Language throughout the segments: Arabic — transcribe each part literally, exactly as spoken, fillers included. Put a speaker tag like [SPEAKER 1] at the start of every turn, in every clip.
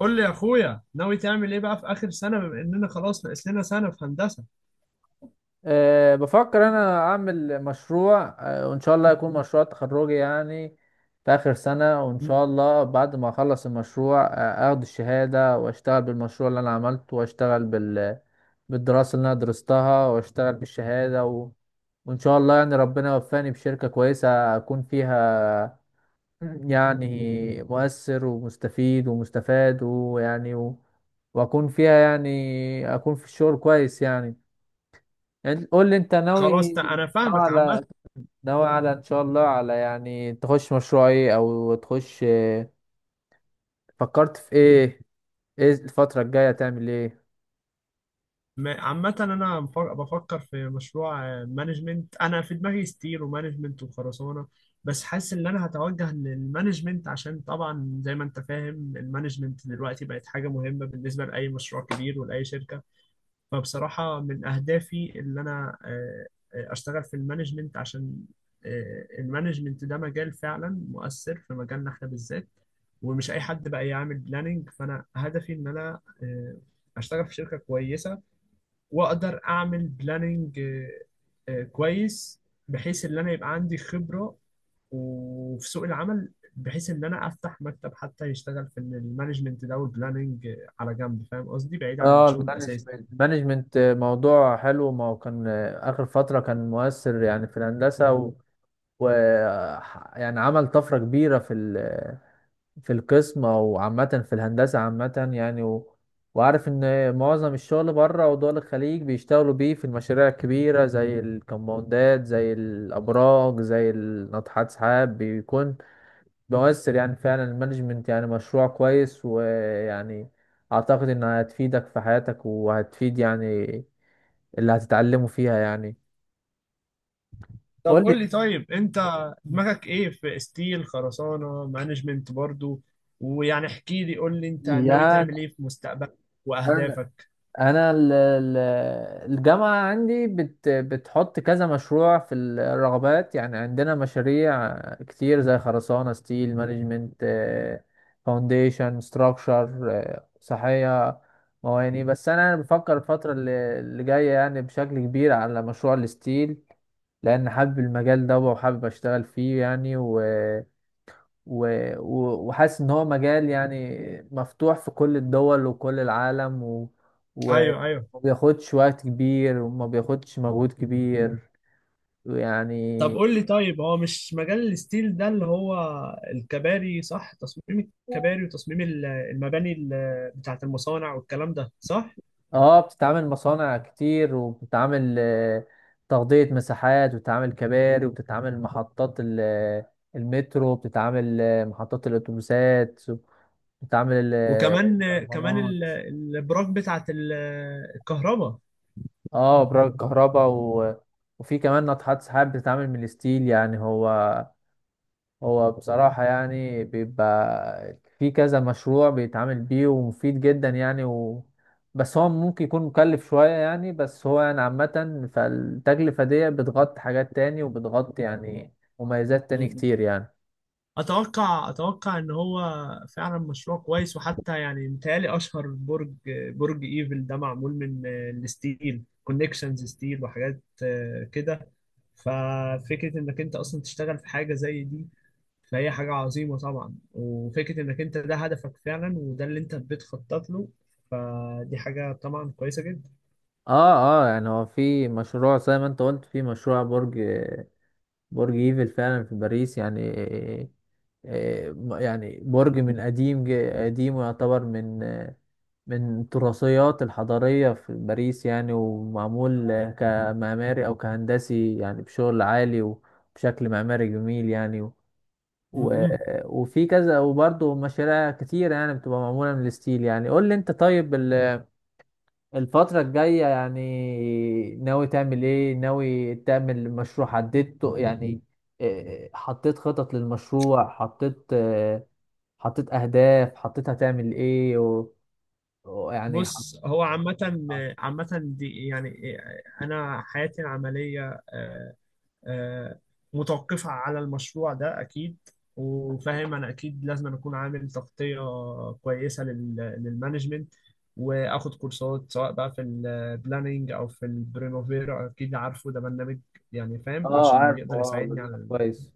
[SPEAKER 1] قول لي يا اخويا ناوي تعمل ايه بقى في اخر سنه بما اننا خلاص ناقص لنا سنه في هندسه.
[SPEAKER 2] أه بفكر انا اعمل مشروع أه وان شاء الله يكون مشروع تخرجي يعني في اخر سنة. وان
[SPEAKER 1] مم.
[SPEAKER 2] شاء الله بعد ما اخلص المشروع أه اخد الشهادة واشتغل بالمشروع اللي انا عملته واشتغل بال بالدراسة اللي انا درستها واشتغل بالشهادة و... وان شاء الله يعني ربنا يوفقني بشركة كويسة اكون فيها يعني مؤثر ومستفيد ومستفاد ويعني و... واكون فيها يعني اكون في الشغل كويس يعني. يعني قول لي انت ناوي
[SPEAKER 1] خلاص تع- انا
[SPEAKER 2] ناوي
[SPEAKER 1] فاهمك. عامه،
[SPEAKER 2] على ناوي على ان شاء الله، على يعني تخش مشروع ايه، او تخش اه، فكرت في ايه؟ ايه الفترة الجاية تعمل ايه؟
[SPEAKER 1] م- عامه انا مف- بفكر في مشروع، آه، مانجمنت. انا في دماغي ستير ومانجمنت وخرسانه، بس حاسس ان انا هتوجه للمانجمنت عشان طبعا زي ما انت فاهم المانجمنت دلوقتي بقت حاجه مهمه بالنسبه لاي مشروع كبير ولاي شركه. فبصراحة من أهدافي اللي أنا آه، آه، أشتغل في المانجمنت، عشان آه، المانجمنت ده مجال فعلا مؤثر في مجالنا إحنا بالذات، ومش أي حد بقى يعمل بلاننج. فأنا هدفي إن أنا آه، أشتغل في شركة كويسة وأقدر أعمل بلاننج كويس، بحيث إن أنا يبقى عندي خبرة وفي سوق العمل، بحيث ان انا افتح مكتب حتى يشتغل في المانجمنت ده والبلاننج على جنب. فاهم قصدي، بعيد عن
[SPEAKER 2] اه
[SPEAKER 1] الشغل
[SPEAKER 2] المانجمنت
[SPEAKER 1] الاساسي.
[SPEAKER 2] المانجمنت موضوع حلو. ما هو كان اه، اخر فترة كان مؤثر يعني في الهندسة و, و ح- يعني عمل طفرة كبيرة في في القسم او عامه في الهندسه عامه يعني و... وعارف ان معظم الشغل بره ودول الخليج بيشتغلوا بيه في المشاريع الكبيره زي الكمباوندات زي الابراج زي ناطحات سحاب، بيكون مؤثر يعني فعلا. المانجمنت يعني مشروع كويس، ويعني اعتقد انها هتفيدك في حياتك وهتفيد يعني اللي هتتعلمه فيها يعني.
[SPEAKER 1] طب
[SPEAKER 2] قول لي
[SPEAKER 1] قول لي، طيب انت دماغك ايه؟ في ستيل، خرسانة، مانجمنت برضو؟ ويعني احكي لي، قول لي انت ناوي
[SPEAKER 2] يعني.
[SPEAKER 1] تعمل ايه في مستقبلك
[SPEAKER 2] أنا-
[SPEAKER 1] واهدافك؟
[SPEAKER 2] انا ال- ال- الجامعه عندي بت بتحط كذا مشروع في الرغبات يعني. عندنا مشاريع كتير زي خرسانه، ستيل، مانجمنت، فاونديشن، ستراكشر، صحيه، مواني. بس انا بفكر الفتره اللي اللي جايه يعني بشكل كبير على مشروع الستيل، لان حابب المجال ده وحابب اشتغل فيه يعني و و- و- وحاسس ان هو مجال يعني مفتوح في كل الدول وكل العالم و... و-
[SPEAKER 1] ايوه، ايوه.
[SPEAKER 2] وما بياخدش وقت كبير وما بياخدش مجهود كبير يعني.
[SPEAKER 1] طب قول لي، طيب هو مش مجال الستيل ده اللي هو الكباري، صح؟ تصميم الكباري وتصميم ال- المباني ال- بتاعت المصانع والكلام ده، صح؟
[SPEAKER 2] اه بتتعامل مصانع كتير، وبتتعامل آه، تغطية مساحات، وبتتعامل كباري، وبتتعامل محطات ال- المترو، بتتعامل آه، محطات الأتوبيسات، بتتعامل آه،
[SPEAKER 1] وكمان كمان
[SPEAKER 2] الكرفانات.
[SPEAKER 1] ال- الابراج بتاعت ال- الكهرباء.
[SPEAKER 2] اه ابراج الكهرباء و... وفي كمان ناطحات سحاب بتتعامل من الستيل يعني. هو هو بصراحة يعني بيبقى في كذا مشروع بيتعامل بيه ومفيد جدا يعني و... بس هو ممكن يكون مكلف شوية يعني. بس هو يعني عامة، فالتكلفة دي بتغطي حاجات تاني وبتغطي يعني مميزات تاني كتير يعني.
[SPEAKER 1] اتوقع، اتوقع ان هو فعلا مشروع كويس. وحتى يعني متهيألي اشهر برج، برج ايفل ده، معمول من آه، الستيل، كونكشنز ستيل وحاجات آه، كده. ففكره انك انت اصلا تشتغل في حاجه زي دي، فهي حاجه عظيمه طبعا. وفكره انك انت ده هدفك فعلا وده اللي انت بتخطط له، فدي حاجه طبعا كويسه جدا.
[SPEAKER 2] اه اه يعني هو في مشروع زي ما انت قلت، في مشروع برج برج ايفل فعلا في باريس يعني آه، آه، يعني برج من قديم ج- قديم ويعتبر من آه، من التراثيات الحضارية في باريس يعني، ومعمول آه، كمعماري أو كهندسي يعني بشغل عالي وبشكل معماري جميل يعني و
[SPEAKER 1] م-
[SPEAKER 2] و-
[SPEAKER 1] م.
[SPEAKER 2] وفي كذا، وبرضه مشاريع كتيرة يعني بتبقى معمولة من الستيل يعني. قول لي أنت، طيب، ال... الفترة الجاية يعني ناوي تعمل ايه؟ ناوي تعمل مشروع حددته يعني؟ إيه، حطيت خطط للمشروع، حطيت آه، حطيت اهداف، حطيت هتعمل ايه و... و- يعني حط...
[SPEAKER 1] بص، هو عامة، عامة دي يعني أنا حياتي العملية آه، آه، متوقفة على المشروع ده أكيد. وفاهم أنا أكيد لازم أنا أكون عامل تغطية كويسة لل- للمانجمنت، وآخد كورسات سواء بقى في البلاننج أو في البرينوفير، أكيد عارفه ده برنامج يعني، فاهم،
[SPEAKER 2] اه،
[SPEAKER 1] عشان
[SPEAKER 2] عارف،
[SPEAKER 1] يقدر
[SPEAKER 2] اه
[SPEAKER 1] يساعدني
[SPEAKER 2] بالله
[SPEAKER 1] على ال-
[SPEAKER 2] كويس.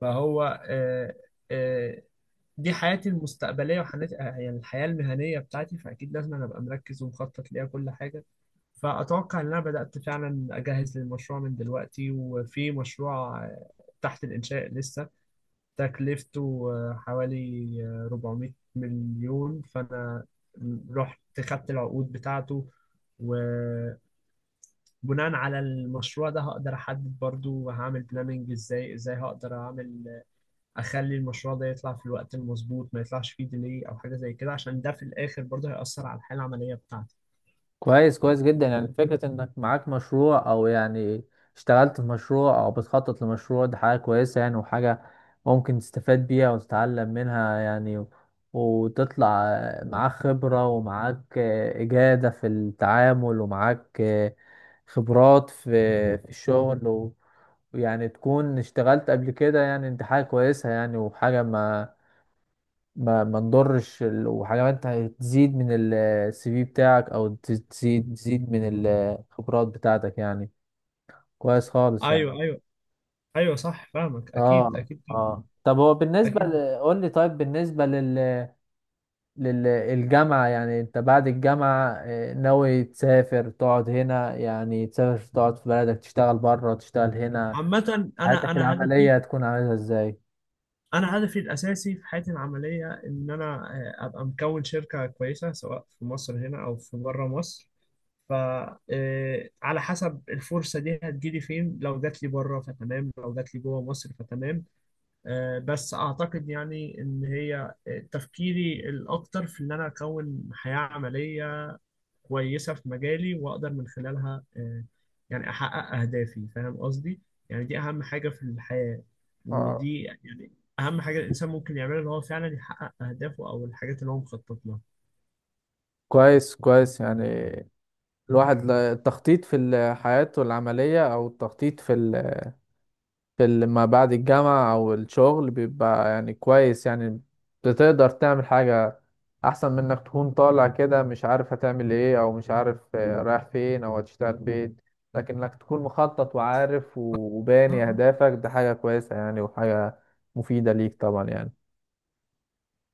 [SPEAKER 1] فهو آه، آه، دي حياتي المستقبليه وحياتي، آه، يعني الحياه المهنيه بتاعتي. فاكيد لازم انا ابقى مركز ومخطط ليها كل حاجه. فاتوقع ان انا بدات فعلا اجهز للمشروع من دلوقتي، وفي مشروع آه، تحت الانشاء لسه، تكلفته آه، حوالي آه، أربعمائة مليون. فانا رحت خدت العقود بتاعته، وبناء على المشروع ده هقدر احدد برضو هعمل بلاننج ازاي، ازاي هقدر اعمل اخلي المشروع ده يطلع في الوقت المظبوط، ما يطلعش فيه ديلي او حاجه زي كده، عشان ده في الاخر برضه هيأثر على الحاله العمليه بتاعتي.
[SPEAKER 2] كويس، كويس جدا يعني. فكرة انك معاك مشروع، او يعني اشتغلت في مشروع، او بتخطط لمشروع، دي حاجة كويسة يعني، وحاجة ممكن تستفاد بيها وتتعلم منها يعني، وتطلع معاك خبرة، ومعاك آه، إجادة في التعامل، ومعاك آه، خبرات في في الشغل و- ويعني تكون اشتغلت قبل كده يعني، دي حاجة كويسة يعني وحاجة ما ما ما نضرش ال- وحاجات هتزيد من السي في بتاعك، او تز- تزيد تزيد من الخبرات بتاعتك يعني. كويس خالص يعني.
[SPEAKER 1] ايوه، ايوه، ايوه صح، فاهمك، اكيد،
[SPEAKER 2] اه
[SPEAKER 1] اكيد،
[SPEAKER 2] اه، طب هو بالنسبة
[SPEAKER 1] اكيد.
[SPEAKER 2] ل... قول لي طيب. بالنسبة لل... للجامعة، يعني انت بعد الجامعة آه، ناوي تسافر تقعد هنا، يعني تسافر تقعد في بلدك، تشتغل بره، تشتغل هنا،
[SPEAKER 1] عامه انا
[SPEAKER 2] حياتك
[SPEAKER 1] انا هدفي،
[SPEAKER 2] العملية هتكون عاملها ازاي؟
[SPEAKER 1] انا هدفي الاساسي في حياتي العمليه ان انا آه، ابقى مكون شركه كويسه سواء في مصر هنا او في بره مصر. ف آه، على حسب الفرصه دي هتجيلي فين، لو جات لي بره فتمام، لو جات لي جوه مصر فتمام. آه، بس اعتقد يعني ان هي آه، تفكيري الاكتر في ان انا اكون حياة عملية كويسة في مجالي، واقدر من خلالها آه، يعني احقق اهدافي. فاهم قصدي؟ يعني دي اهم حاجة في الحياة،
[SPEAKER 2] اه،
[SPEAKER 1] ودي يعني اهم حاجة الانسان ممكن يعملها، ان هو فعلا يحقق اهدافه او الحاجات اللي هو مخطط لها.
[SPEAKER 2] كويس كويس يعني. الواحد لا- التخطيط في ال- حياته العملية، أو التخطيط في ال... في ال- ما بعد الجامعة أو الشغل، بيبقى يعني كويس يعني. بتقدر تعمل حاجة أحسن من إنك تكون طالع كده مش عارف هتعمل إيه، أو مش عارف آه، رايح فين أو هتشتغل فين. لكن إنك تكون مخطط وعارف و-
[SPEAKER 1] آه،
[SPEAKER 2] وباني
[SPEAKER 1] آه.
[SPEAKER 2] أهدافك، ده حاجة كويسة يعني وحاجة مفيدة ليك طبعا يعني.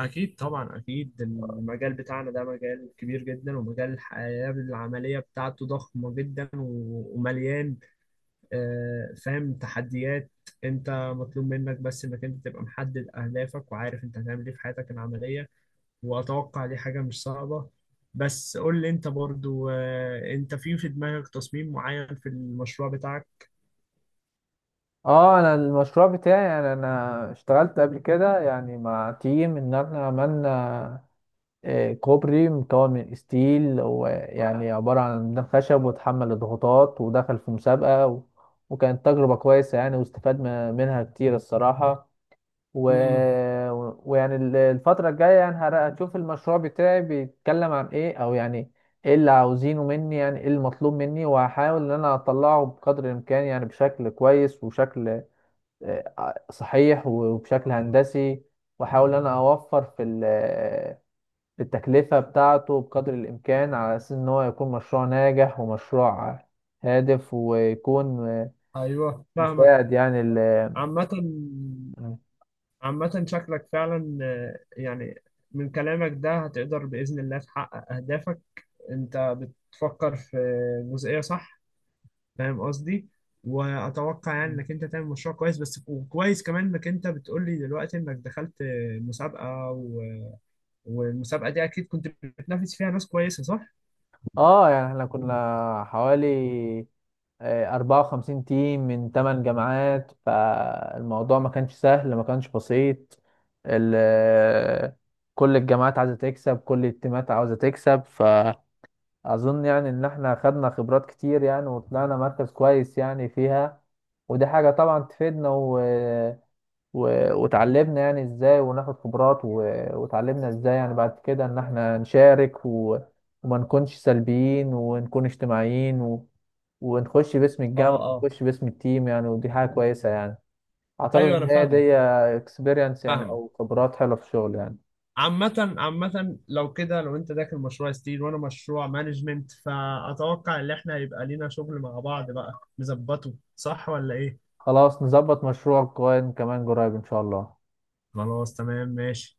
[SPEAKER 1] اكيد طبعا، اكيد المجال بتاعنا ده مجال كبير جدا، ومجال الحياة العملية بتاعته ضخمة جدا و- ومليان آه، فاهم، تحديات. انت مطلوب منك بس انك انت تبقى محدد اهدافك، وعارف انت هتعمل ايه في حياتك العملية. واتوقع دي حاجة مش صعبة. بس قول لي انت برضو، آه، انت في في دماغك تصميم معين في المشروع بتاعك؟
[SPEAKER 2] اه، انا المشروع بتاعي يعني انا اشتغلت قبل كده يعني مع تيم ان احنا عملنا آه، كوبري مكون من ستيل، ويعني عبارة عن ميدان خشب، واتحمل الضغوطات، ودخل في مسابقة و... وكانت تجربة كويسة يعني، واستفاد م- منها كتير الصراحة. و...
[SPEAKER 1] امم
[SPEAKER 2] و- ويعني ال- الفترة الجاية يعني هر- هتشوف المشروع بتاعي بيتكلم عن ايه، او يعني ايه اللي عاوزينه مني، يعني ايه المطلوب مني. وهحاول ان انا اطلعه بقدر الامكان يعني بشكل كويس، وشكل آه، صحيح وبشكل هندسي، واحاول ان انا اوفر في ال التكلفة بتاعته بقدر الإمكان، على أساس إن هو يكون مشروع ناجح ومشروع هادف، ويكون
[SPEAKER 1] ايوه، فاهمك.
[SPEAKER 2] مساعد يعني ال
[SPEAKER 1] عامة، عامة شكلك فعلا آه، يعني من كلامك ده هتقدر بإذن الله تحقق أهدافك. أنت بتفكر في جزئية صح، فاهم قصدي. واتوقع يعني انك انت تعمل مشروع كويس، بس وكويس كمان انك انت بتقول لي دلوقتي انك دخلت مسابقة و... والمسابقة دي اكيد كنت بتنافس فيها ناس كويسة، صح؟
[SPEAKER 2] آه يعني إحنا كنا حوالي آه، أربعة وخمسين تيم من تمن جامعات. فالموضوع ما كانش سهل، ما كانش بسيط ال- كل الجامعات عايزة تكسب، كل التيمات عاوزة تكسب ف اظن يعني ان احنا خدنا خبرات كتير يعني، وطلعنا مركز كويس يعني فيها. ودي حاجة طبعا تفيدنا و... و... وتعلمنا يعني ازاي وناخد خبرات و... وتعلمنا ازاي يعني بعد كده ان احنا نشارك و... وما نكونش سلبيين، ونكون اجتماعيين و... ونخش باسم
[SPEAKER 1] اه،
[SPEAKER 2] الجامعة،
[SPEAKER 1] اه،
[SPEAKER 2] ونخش باسم التيم يعني. ودي حاجة كويسة يعني، اعتقد
[SPEAKER 1] ايوه انا
[SPEAKER 2] ان هي
[SPEAKER 1] فاهمه،
[SPEAKER 2] دي اكسبيرينس يعني،
[SPEAKER 1] فاهمة.
[SPEAKER 2] او خبرات حلوة في الشغل يعني.
[SPEAKER 1] عامة، عامة لو كده، لو انت داخل مشروع ستيل وانا مشروع مانجمنت، فاتوقع ان احنا هيبقى لينا شغل مع بعض بقى، نظبطه صح ولا ايه؟
[SPEAKER 2] خلاص، نظبط مشروع كوين كمان قريب ان شاء الله.
[SPEAKER 1] خلاص تمام ماشي.